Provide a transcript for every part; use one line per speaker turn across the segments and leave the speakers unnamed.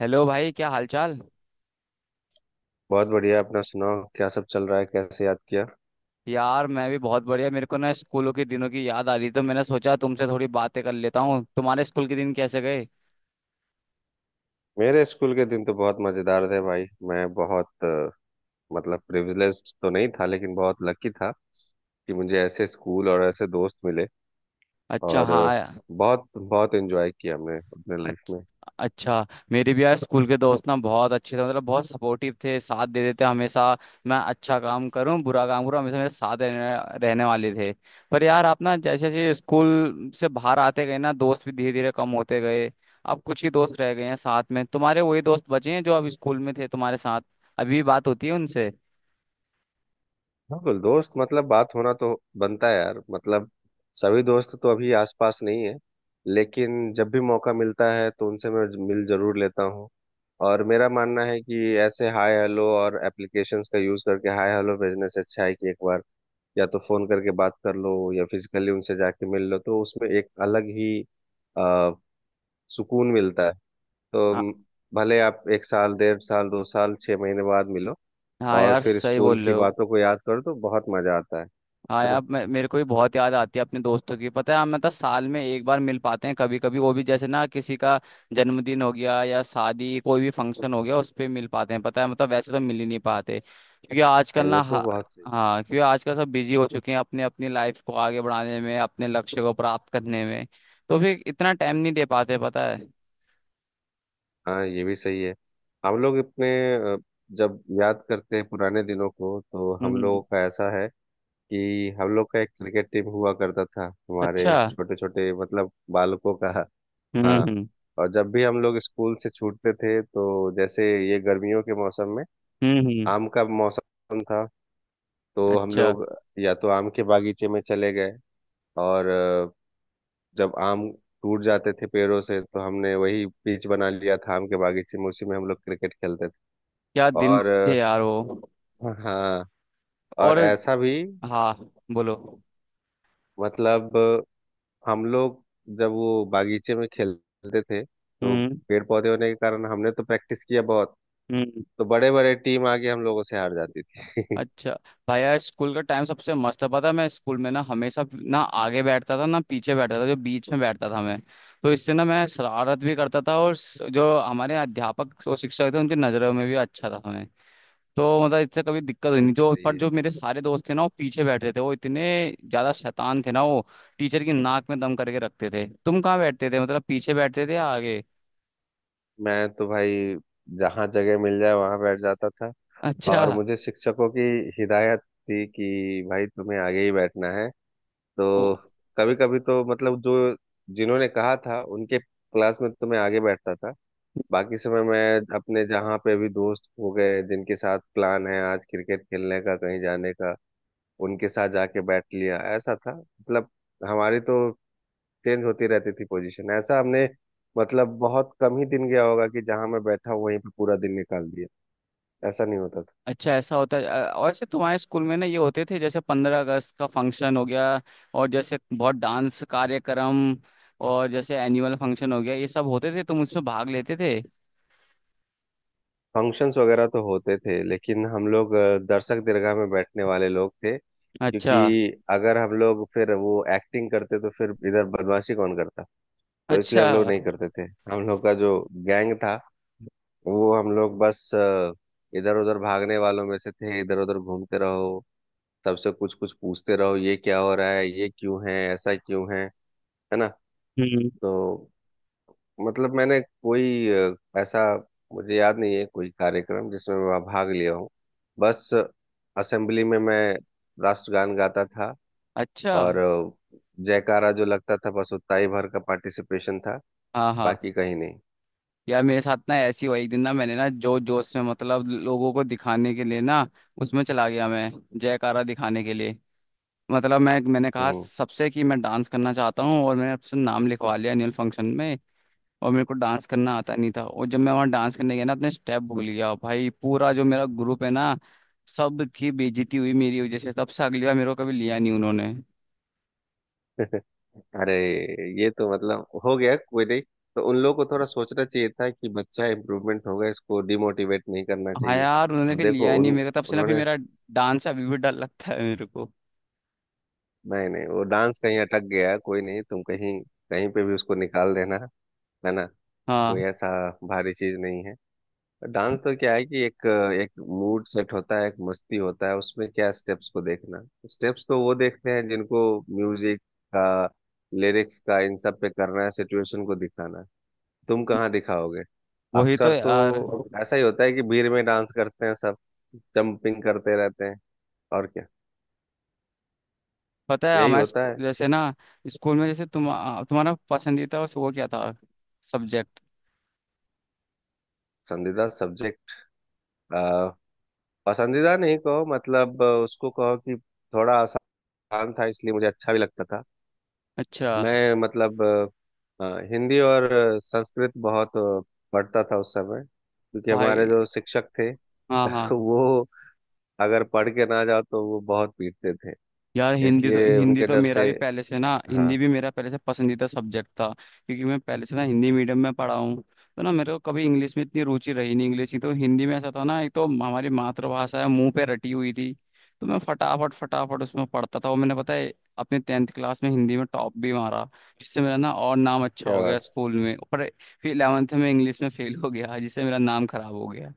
Hello भाई, क्या हालचाल?
बहुत बढ़िया। अपना सुनाओ, क्या सब चल रहा है? कैसे याद किया?
यार मैं भी बहुत बढ़िया। मेरे को ना स्कूलों के दिनों की याद आ रही, तो मैंने सोचा तुमसे थोड़ी बातें कर लेता हूँ। तुम्हारे स्कूल के दिन कैसे गए?
मेरे स्कूल के दिन तो बहुत मजेदार थे भाई। मैं बहुत मतलब प्रिविलेज्ड तो नहीं था, लेकिन बहुत लकी था कि मुझे ऐसे स्कूल और ऐसे दोस्त मिले।
अच्छा।
और
हाँ।
बहुत बहुत एंजॉय किया हमने अपने लाइफ
अच्छ-
में।
अच्छा। मेरे भी यार स्कूल के दोस्त ना बहुत अच्छे थे, मतलब बहुत सपोर्टिव थे, साथ दे देते हमेशा। मैं अच्छा काम करूं बुरा काम करूं, हमेशा मेरे साथ रहने वाले थे। पर यार आप ना जैसे जैसे स्कूल से बाहर आते गए ना, दोस्त भी धीरे धीरे कम होते गए। अब कुछ ही दोस्त रह गए हैं साथ में तुम्हारे। वही दोस्त बचे हैं जो अब स्कूल में थे तुम्हारे साथ? अभी भी बात होती है उनसे?
हाँ, तो दोस्त मतलब बात होना तो बनता है यार। मतलब सभी दोस्त तो अभी आसपास नहीं है, लेकिन जब भी मौका मिलता है तो उनसे मैं मिल जरूर लेता हूँ। और मेरा मानना है कि ऐसे हाय हेलो और एप्लीकेशंस का यूज करके हाय हेलो भेजने से अच्छा है कि एक बार या तो फोन करके बात कर लो, या फिजिकली उनसे जाके मिल लो। तो उसमें एक अलग ही आ, सुकून मिलता है। तो
हाँ।
म, भले आप एक साल, डेढ़ साल, दो साल, 6 महीने बाद मिलो।
हाँ
और
यार,
फिर
सही
स्कूल
बोल रहे
की
हो।
बातों को याद करो तो बहुत मजा आता है।
हाँ
है ना।
यार मेरे को भी बहुत याद आती है अपने दोस्तों की। पता है, हम मतलब साल में एक बार मिल पाते हैं, कभी कभी वो भी, जैसे ना किसी का जन्मदिन हो गया या शादी, कोई भी फंक्शन हो गया उस पे मिल पाते हैं। पता है मतलब वैसे तो मिल ही नहीं पाते, क्योंकि
हाँ,
आजकल
ये
ना
तो बहुत सही है।
हाँ, क्योंकि आजकल सब बिजी हो चुके हैं अपने अपनी लाइफ को आगे बढ़ाने में, अपने लक्ष्य को प्राप्त करने में। तो फिर इतना टाइम नहीं दे पाते, पता है।
हाँ, ये भी सही है। हम लोग अपने अ, जब याद करते हैं पुराने दिनों को, तो हम
हम्म।
लोगों का ऐसा है कि हम लोग का एक क्रिकेट टीम हुआ करता था, हमारे
अच्छा।
छोटे छोटे मतलब बालकों का।
हम्म।
हाँ।
हम्म।
और जब भी हम लोग स्कूल से छूटते थे, तो जैसे ये गर्मियों के मौसम में
हम्म।
आम का मौसम था, तो हम
अच्छा।
लोग या तो आम के बागीचे में चले गए। और जब आम टूट जाते थे पेड़ों से, तो हमने वही पिच बना लिया था आम के बागीचे में, उसी में हम लोग क्रिकेट खेलते थे।
क्या दिन
और
थे यार वो।
हाँ।
और?
और ऐसा भी
हाँ, बोलो।
मतलब हम लोग जब वो बागीचे में खेलते थे, तो
हम्म।
पेड़ पौधे होने के कारण हमने तो प्रैक्टिस किया बहुत।
हम्म।
तो बड़े बड़े टीम आके हम लोगों से हार जाती थी।
अच्छा। भाई यार स्कूल का टाइम सबसे मस्त था, पता है। मैं स्कूल में ना हमेशा ना आगे बैठता था ना पीछे बैठता था, जो बीच में बैठता था मैं। तो इससे ना मैं शरारत भी करता था, और जो हमारे अध्यापक और शिक्षक थे उनकी नज़रों में भी अच्छा था मैं। तो मतलब इससे कभी दिक्कत हुई नहीं,
बिल्कुल
जो
सही
पर
है।
जो मेरे सारे दोस्त थे ना वो पीछे बैठते थे, वो इतने ज्यादा शैतान थे ना, वो टीचर की नाक में दम करके रखते थे। तुम कहाँ बैठते थे? मतलब पीछे बैठते थे या आगे?
मैं तो भाई जहाँ जगह मिल जाए वहां बैठ जाता था।
अच्छा।
और मुझे शिक्षकों की हिदायत थी कि भाई तुम्हें आगे ही बैठना है। तो कभी कभी तो मतलब जो जिन्होंने कहा था उनके क्लास में तो मैं आगे बैठता था। बाकी समय मैं अपने जहाँ पे भी दोस्त हो गए जिनके साथ प्लान है आज क्रिकेट खेलने का, कहीं जाने का, उनके साथ जाके बैठ लिया। ऐसा था मतलब हमारी तो चेंज होती रहती थी पोजीशन। ऐसा हमने मतलब बहुत कम ही दिन गया होगा कि जहाँ मैं बैठा हूँ वहीं पे पूरा दिन निकाल दिया। ऐसा नहीं होता।
अच्छा ऐसा होता है। और ऐसे तुम्हारे स्कूल में ना ये होते थे, जैसे 15 अगस्त का फंक्शन हो गया, और जैसे बहुत डांस कार्यक्रम, और जैसे एनुअल फंक्शन हो गया, ये सब होते थे? तुम उसमें भाग लेते थे?
फंक्शंस वगैरह तो होते थे, लेकिन हम लोग दर्शक दीर्घा में बैठने वाले लोग थे,
अच्छा।
क्योंकि अगर हम लोग फिर वो एक्टिंग करते तो फिर इधर बदमाशी कौन करता। तो इसलिए
अच्छा।
हम लोग नहीं करते थे। हम लोग का जो गैंग था, वो हम लोग बस इधर उधर भागने वालों में से थे। इधर उधर घूमते रहो, सबसे कुछ कुछ पूछते रहो, ये क्या हो रहा है, ये क्यों है, ऐसा क्यों है। है ना।
हम्म।
तो मतलब मैंने कोई ऐसा मुझे याद नहीं है कोई कार्यक्रम जिसमें मैं भाग लिया हूँ। बस असेंबली में मैं राष्ट्रगान गाता था,
अच्छा।
और जयकारा जो लगता था, बस उतना ही भर का पार्टिसिपेशन था।
हाँ
बाकी
हाँ।
कहीं नहीं।
यार मेरे साथ ना ऐसी हुआ, एक दिन ना मैंने ना जो जोश में, मतलब लोगों को दिखाने के लिए ना उसमें चला गया मैं, जयकारा दिखाने के लिए। मतलब मैं मैंने कहा
हम्म।
सबसे कि मैं डांस करना चाहता हूँ, और मैंने अपना नाम लिखवा लिया एनुअल फंक्शन में। और मेरे को डांस करना आता नहीं था, और जब मैं वहाँ डांस करने गया ना अपने स्टेप भूल गया भाई पूरा, जो मेरा ग्रुप है ना सब की बेइज्जती हुई मेरी वजह से, तब से अगली बार मेरे को कभी लिया नहीं उन्होंने।
अरे, ये तो मतलब हो गया, कोई नहीं। तो उन लोगों को थोड़ा सोचना चाहिए था कि बच्चा इम्प्रूवमेंट होगा, इसको डिमोटिवेट नहीं करना
हाँ
चाहिए।
यार, उन्होंने
अब
फिर लिया
देखो
नहीं
उन
मेरे को, तब से ना फिर
उन्होंने
मेरा डांस अभी भी डर लगता है मेरे को।
नहीं नहीं, वो डांस कहीं अटक गया है, कोई नहीं, तुम कहीं कहीं पे भी उसको निकाल देना। है ना। कोई
हाँ।
ऐसा भारी चीज नहीं है। डांस तो क्या है कि एक एक मूड सेट होता है, एक मस्ती होता है उसमें, क्या स्टेप्स को देखना। तो स्टेप्स तो वो देखते हैं जिनको म्यूजिक का, लिरिक्स का, इन सब पे करना है, सिचुएशन को दिखाना है। तुम कहाँ दिखाओगे।
वही
अक्सर
तो
तो
यार।
ऐसा ही होता है कि भीड़ में डांस करते हैं सब, जंपिंग करते रहते हैं, और क्या।
पता है
यही
हमारे
होता है।
जैसे ना स्कूल में, जैसे तुम तुम्हारा पसंदीदा वो क्या था सब्जेक्ट?
पसंदीदा सब्जेक्ट, पसंदीदा नहीं कहो, मतलब उसको कहो कि थोड़ा आसान था, इसलिए मुझे अच्छा भी लगता था।
अच्छा।
मैं मतलब हिंदी और संस्कृत बहुत पढ़ता था उस समय, क्योंकि हमारे
भाई।
जो शिक्षक थे
हाँ हाँ।
वो अगर पढ़ के ना जाओ तो वो बहुत पीटते थे।
यार हिंदी तो,
इसलिए
हिंदी
उनके
तो
डर
मेरा
से।
भी पहले से ना,
हाँ।
हिंदी भी मेरा पहले से पसंदीदा सब्जेक्ट था। क्योंकि मैं पहले से ना हिंदी मीडियम में पढ़ा हूँ, तो ना मेरे को कभी इंग्लिश में इतनी रुचि रही नहीं, इंग्लिश की। तो हिंदी में ऐसा था ना, एक तो हमारी मातृभाषा है, मुंह पे रटी हुई थी, तो मैं फटाफट फटाफट उसमें पढ़ता था। और मैंने पता है अपने 10th क्लास में हिंदी में टॉप भी मारा, जिससे मेरा ना और नाम अच्छा
क्या
हो गया
बात।
स्कूल में। पर फिर 11th में इंग्लिश में फेल हो गया, जिससे मेरा नाम खराब हो गया।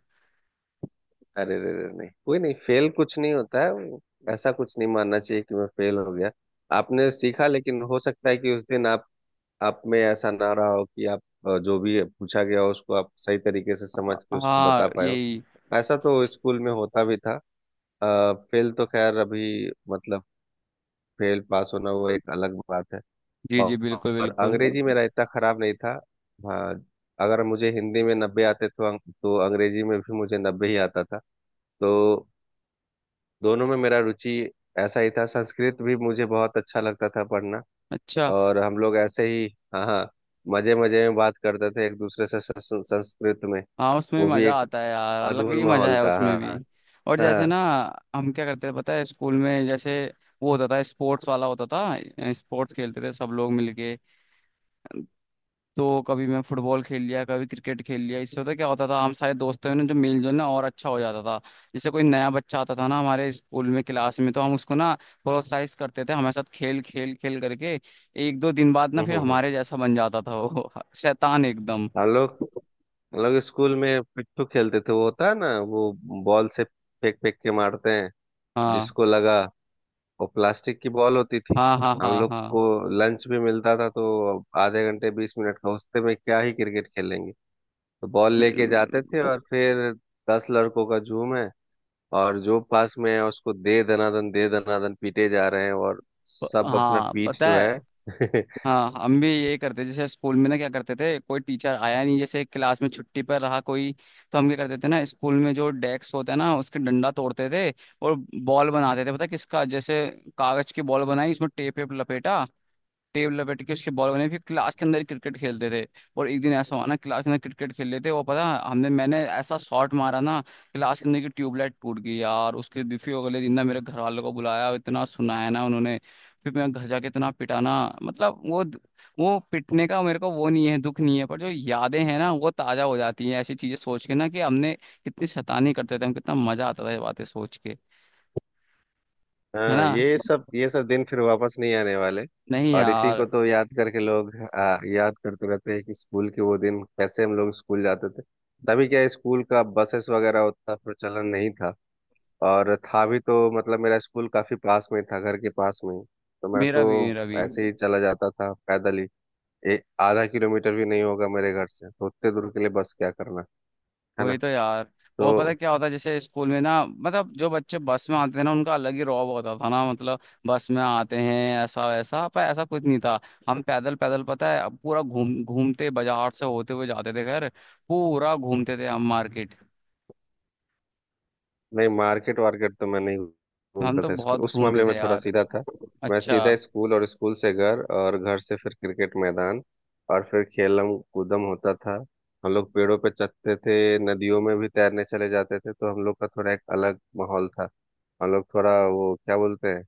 अरे रे रे, नहीं, कोई नहीं। फेल कुछ नहीं होता है वो, ऐसा कुछ नहीं मानना चाहिए कि मैं फेल हो गया। आपने सीखा, लेकिन हो सकता है कि उस दिन आप में ऐसा ना रहा हो कि आप जो भी पूछा गया हो उसको आप सही तरीके से
हाँ।
समझ के उसको
हाँ,
बता पाए हो।
यही।
ऐसा तो स्कूल में होता भी था। फेल तो खैर, अभी मतलब फेल पास होना वो एक अलग बात है।
जी जी,
और,
बिल्कुल
और
बिल्कुल।
अंग्रेजी मेरा इतना खराब नहीं था। हाँ, अगर मुझे हिंदी में 90 आते तो अंग- तो अंग्रेजी में भी मुझे 90 ही आता था। तो दोनों में मेरा रुचि ऐसा ही था। संस्कृत भी मुझे बहुत अच्छा लगता था पढ़ना।
अच्छा।
और हम लोग ऐसे ही, हाँ हाँ, मजे मजे में बात करते थे एक दूसरे से सं- सं- संस्कृत में।
हाँ उसमें
वो
भी
भी
मजा
एक
आता है यार, अलग
अद्भुत
ही मजा
माहौल
है
था।
उसमें
हाँ
भी। और
हाँ।
जैसे
हाँ।
ना हम क्या करते थे पता है स्कूल में, जैसे वो होता था स्पोर्ट्स वाला, होता था स्पोर्ट्स खेलते थे सब लोग मिलके। तो कभी मैं फुटबॉल खेल लिया, कभी क्रिकेट खेल लिया। इससे होता क्या होता था, हम सारे दोस्तों ने जो मेलजोल ना और अच्छा हो जाता था। जैसे कोई नया बच्चा आता था ना हमारे स्कूल में क्लास में, तो हम उसको ना प्रोत्साहित करते थे हमारे साथ खेल खेल खेल करके। एक दो दिन बाद ना
हम्म
फिर
हम्म हम्म।
हमारे जैसा बन जाता था वो शैतान एकदम।
हम लोग, हम लोग स्कूल में पिट्ठू खेलते थे, वो होता है ना, वो बॉल से फेंक फेंक के मारते हैं,
हाँ
जिसको लगा। वो प्लास्टिक की बॉल होती थी।
हाँ हाँ
हम
हाँ।
लोग
हाँ
को लंच भी मिलता था, तो आधे घंटे 20 मिनट का, उससे में क्या ही क्रिकेट खेलेंगे। तो बॉल लेके जाते थे
प-
और फिर दस लड़कों का झूम है, और जो पास में है उसको दे दनादन पीटे जा रहे हैं, और सब अपना
हाँ,
पीठ
पता
जो
है।
है।
हाँ हम भी ये करते, जैसे स्कूल में ना क्या करते थे कोई टीचर आया नहीं, जैसे क्लास में छुट्टी पर रहा कोई, तो हम क्या करते थे ना, स्कूल में जो डेस्क होता है ना उसके डंडा तोड़ते थे, और बॉल बनाते थे। पता है किसका, जैसे कागज की बॉल बनाई उसमें टेप वेप लपेटा, टेबल लपेट के उसके बॉल बने, फिर क्लास के अंदर क्रिकेट खेलते थे। और एक दिन ऐसा हुआ ना क्लास के अंदर क्रिकेट खेल रहे थे, वो पता हमने मैंने ऐसा शॉट मारा ना, क्लास के अंदर की ट्यूबलाइट टूट गई यार उसके फिर अगले दिन ना मेरे घर वालों को बुलाया, इतना सुनाया ना उन्होंने, फिर मैं घर जाके इतना पिटाना, मतलब वो पिटने का मेरे को वो नहीं है, दुख नहीं है, पर जो यादें हैं ना वो ताजा हो जाती हैं ऐसी चीजें सोच के ना, कि हमने कितनी शैतानी करते थे, हम कितना मजा आता था ये बातें सोच के। है ना।
हाँ, ये सब दिन फिर वापस नहीं आने वाले।
नहीं
और इसी
यार।
को तो याद करके लोग याद करते रहते हैं कि स्कूल के वो दिन कैसे हम लोग स्कूल जाते थे। तभी क्या स्कूल का बसेस वगैरह उतना प्रचलन नहीं था। और था भी तो मतलब मेरा स्कूल काफी पास में था, घर के पास में ही। तो मैं
मेरा भी
तो
मेरा भी।
ऐसे ही चला जाता था पैदल ही। एक आधा किलोमीटर भी नहीं होगा मेरे घर से, तो उतने दूर के लिए बस क्या करना। है ना।
वही तो यार। वो पता है
तो
क्या होता है जैसे स्कूल में ना, मतलब जो बच्चे बस में आते थे ना उनका अलग ही रौब होता था ना, मतलब बस में आते हैं ऐसा वैसा, पर ऐसा कुछ नहीं था। हम पैदल पैदल, पता है, पूरा घूम घूमते बाजार से होते हुए जाते थे घर, पूरा घूमते थे हम मार्केट।
नहीं, मार्केट वार्केट तो मैं नहीं
हम
घूमता
तो
था, स्कूल
बहुत
उस
घूमते
मामले में
थे
थोड़ा
यार।
सीधा था। मैं
अच्छा।
सीधा स्कूल, और स्कूल से घर, और घर से फिर क्रिकेट मैदान, और फिर खेलम कूदम होता था। हम लोग पेड़ों पे चढ़ते थे, नदियों में भी तैरने चले जाते थे। तो हम लोग का थोड़ा एक अलग माहौल था। हम लोग थोड़ा वो क्या बोलते हैं,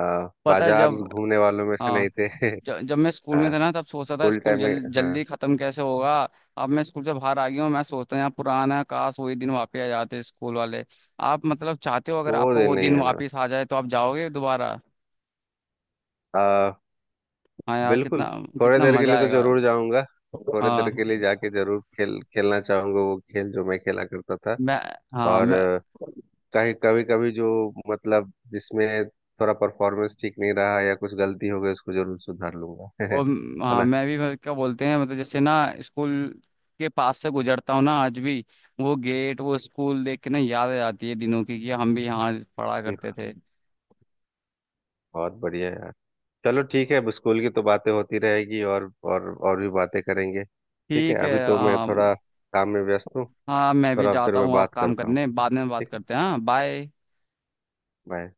पता है
बाजार
जब
घूमने वालों में से नहीं
हाँ
थे।
जब मैं स्कूल में
हाँ।
था ना तब सोचता था
स्कूल
स्कूल
टाइम में। हाँ।
जल्दी खत्म कैसे होगा। अब मैं स्कूल से बाहर आ गया हूँ, मैं सोचता हूँ यार पुराना काश वही दिन वापस आ जाते स्कूल वाले। आप मतलब चाहते हो अगर
वो
आपको
दिन
वो
नहीं
दिन
आने
वापस आ जाए तो आप जाओगे दोबारा?
वाला।
हाँ यार कितना
बिल्कुल। थोड़े
कितना
देर के
मजा
लिए तो
आएगा।
जरूर जाऊंगा। थोड़े
हाँ
देर के लिए जाके जरूर खेल खेलना चाहूंगा, वो खेल जो मैं खेला करता था।
मैं। हाँ
और
मैं।
कहीं कभी कभी जो मतलब जिसमें थोड़ा परफॉर्मेंस ठीक नहीं रहा या कुछ गलती हो गई, उसको जरूर सुधार लूंगा। है
और हाँ
ना।
मैं भी मतलब क्या बोलते हैं मतलब जैसे ना स्कूल के पास से गुजरता हूँ ना आज भी, वो गेट वो स्कूल देख के ना याद आ जाती है दिनों की, कि हम भी यहाँ पढ़ा करते
बिल्कुल।
थे।
बहुत बढ़िया यार। चलो ठीक है, अब स्कूल की तो बातें होती रहेगी, और भी बातें करेंगे। ठीक है,
ठीक है
अभी तो मैं
हाँ।
थोड़ा काम में व्यस्त हूँ।
हाँ मैं भी
थोड़ा फिर
जाता
मैं
हूँ अब
बात
काम
करता हूँ।
करने, बाद में बात
ठीक है।
करते हैं, हाँ बाय।
बाय।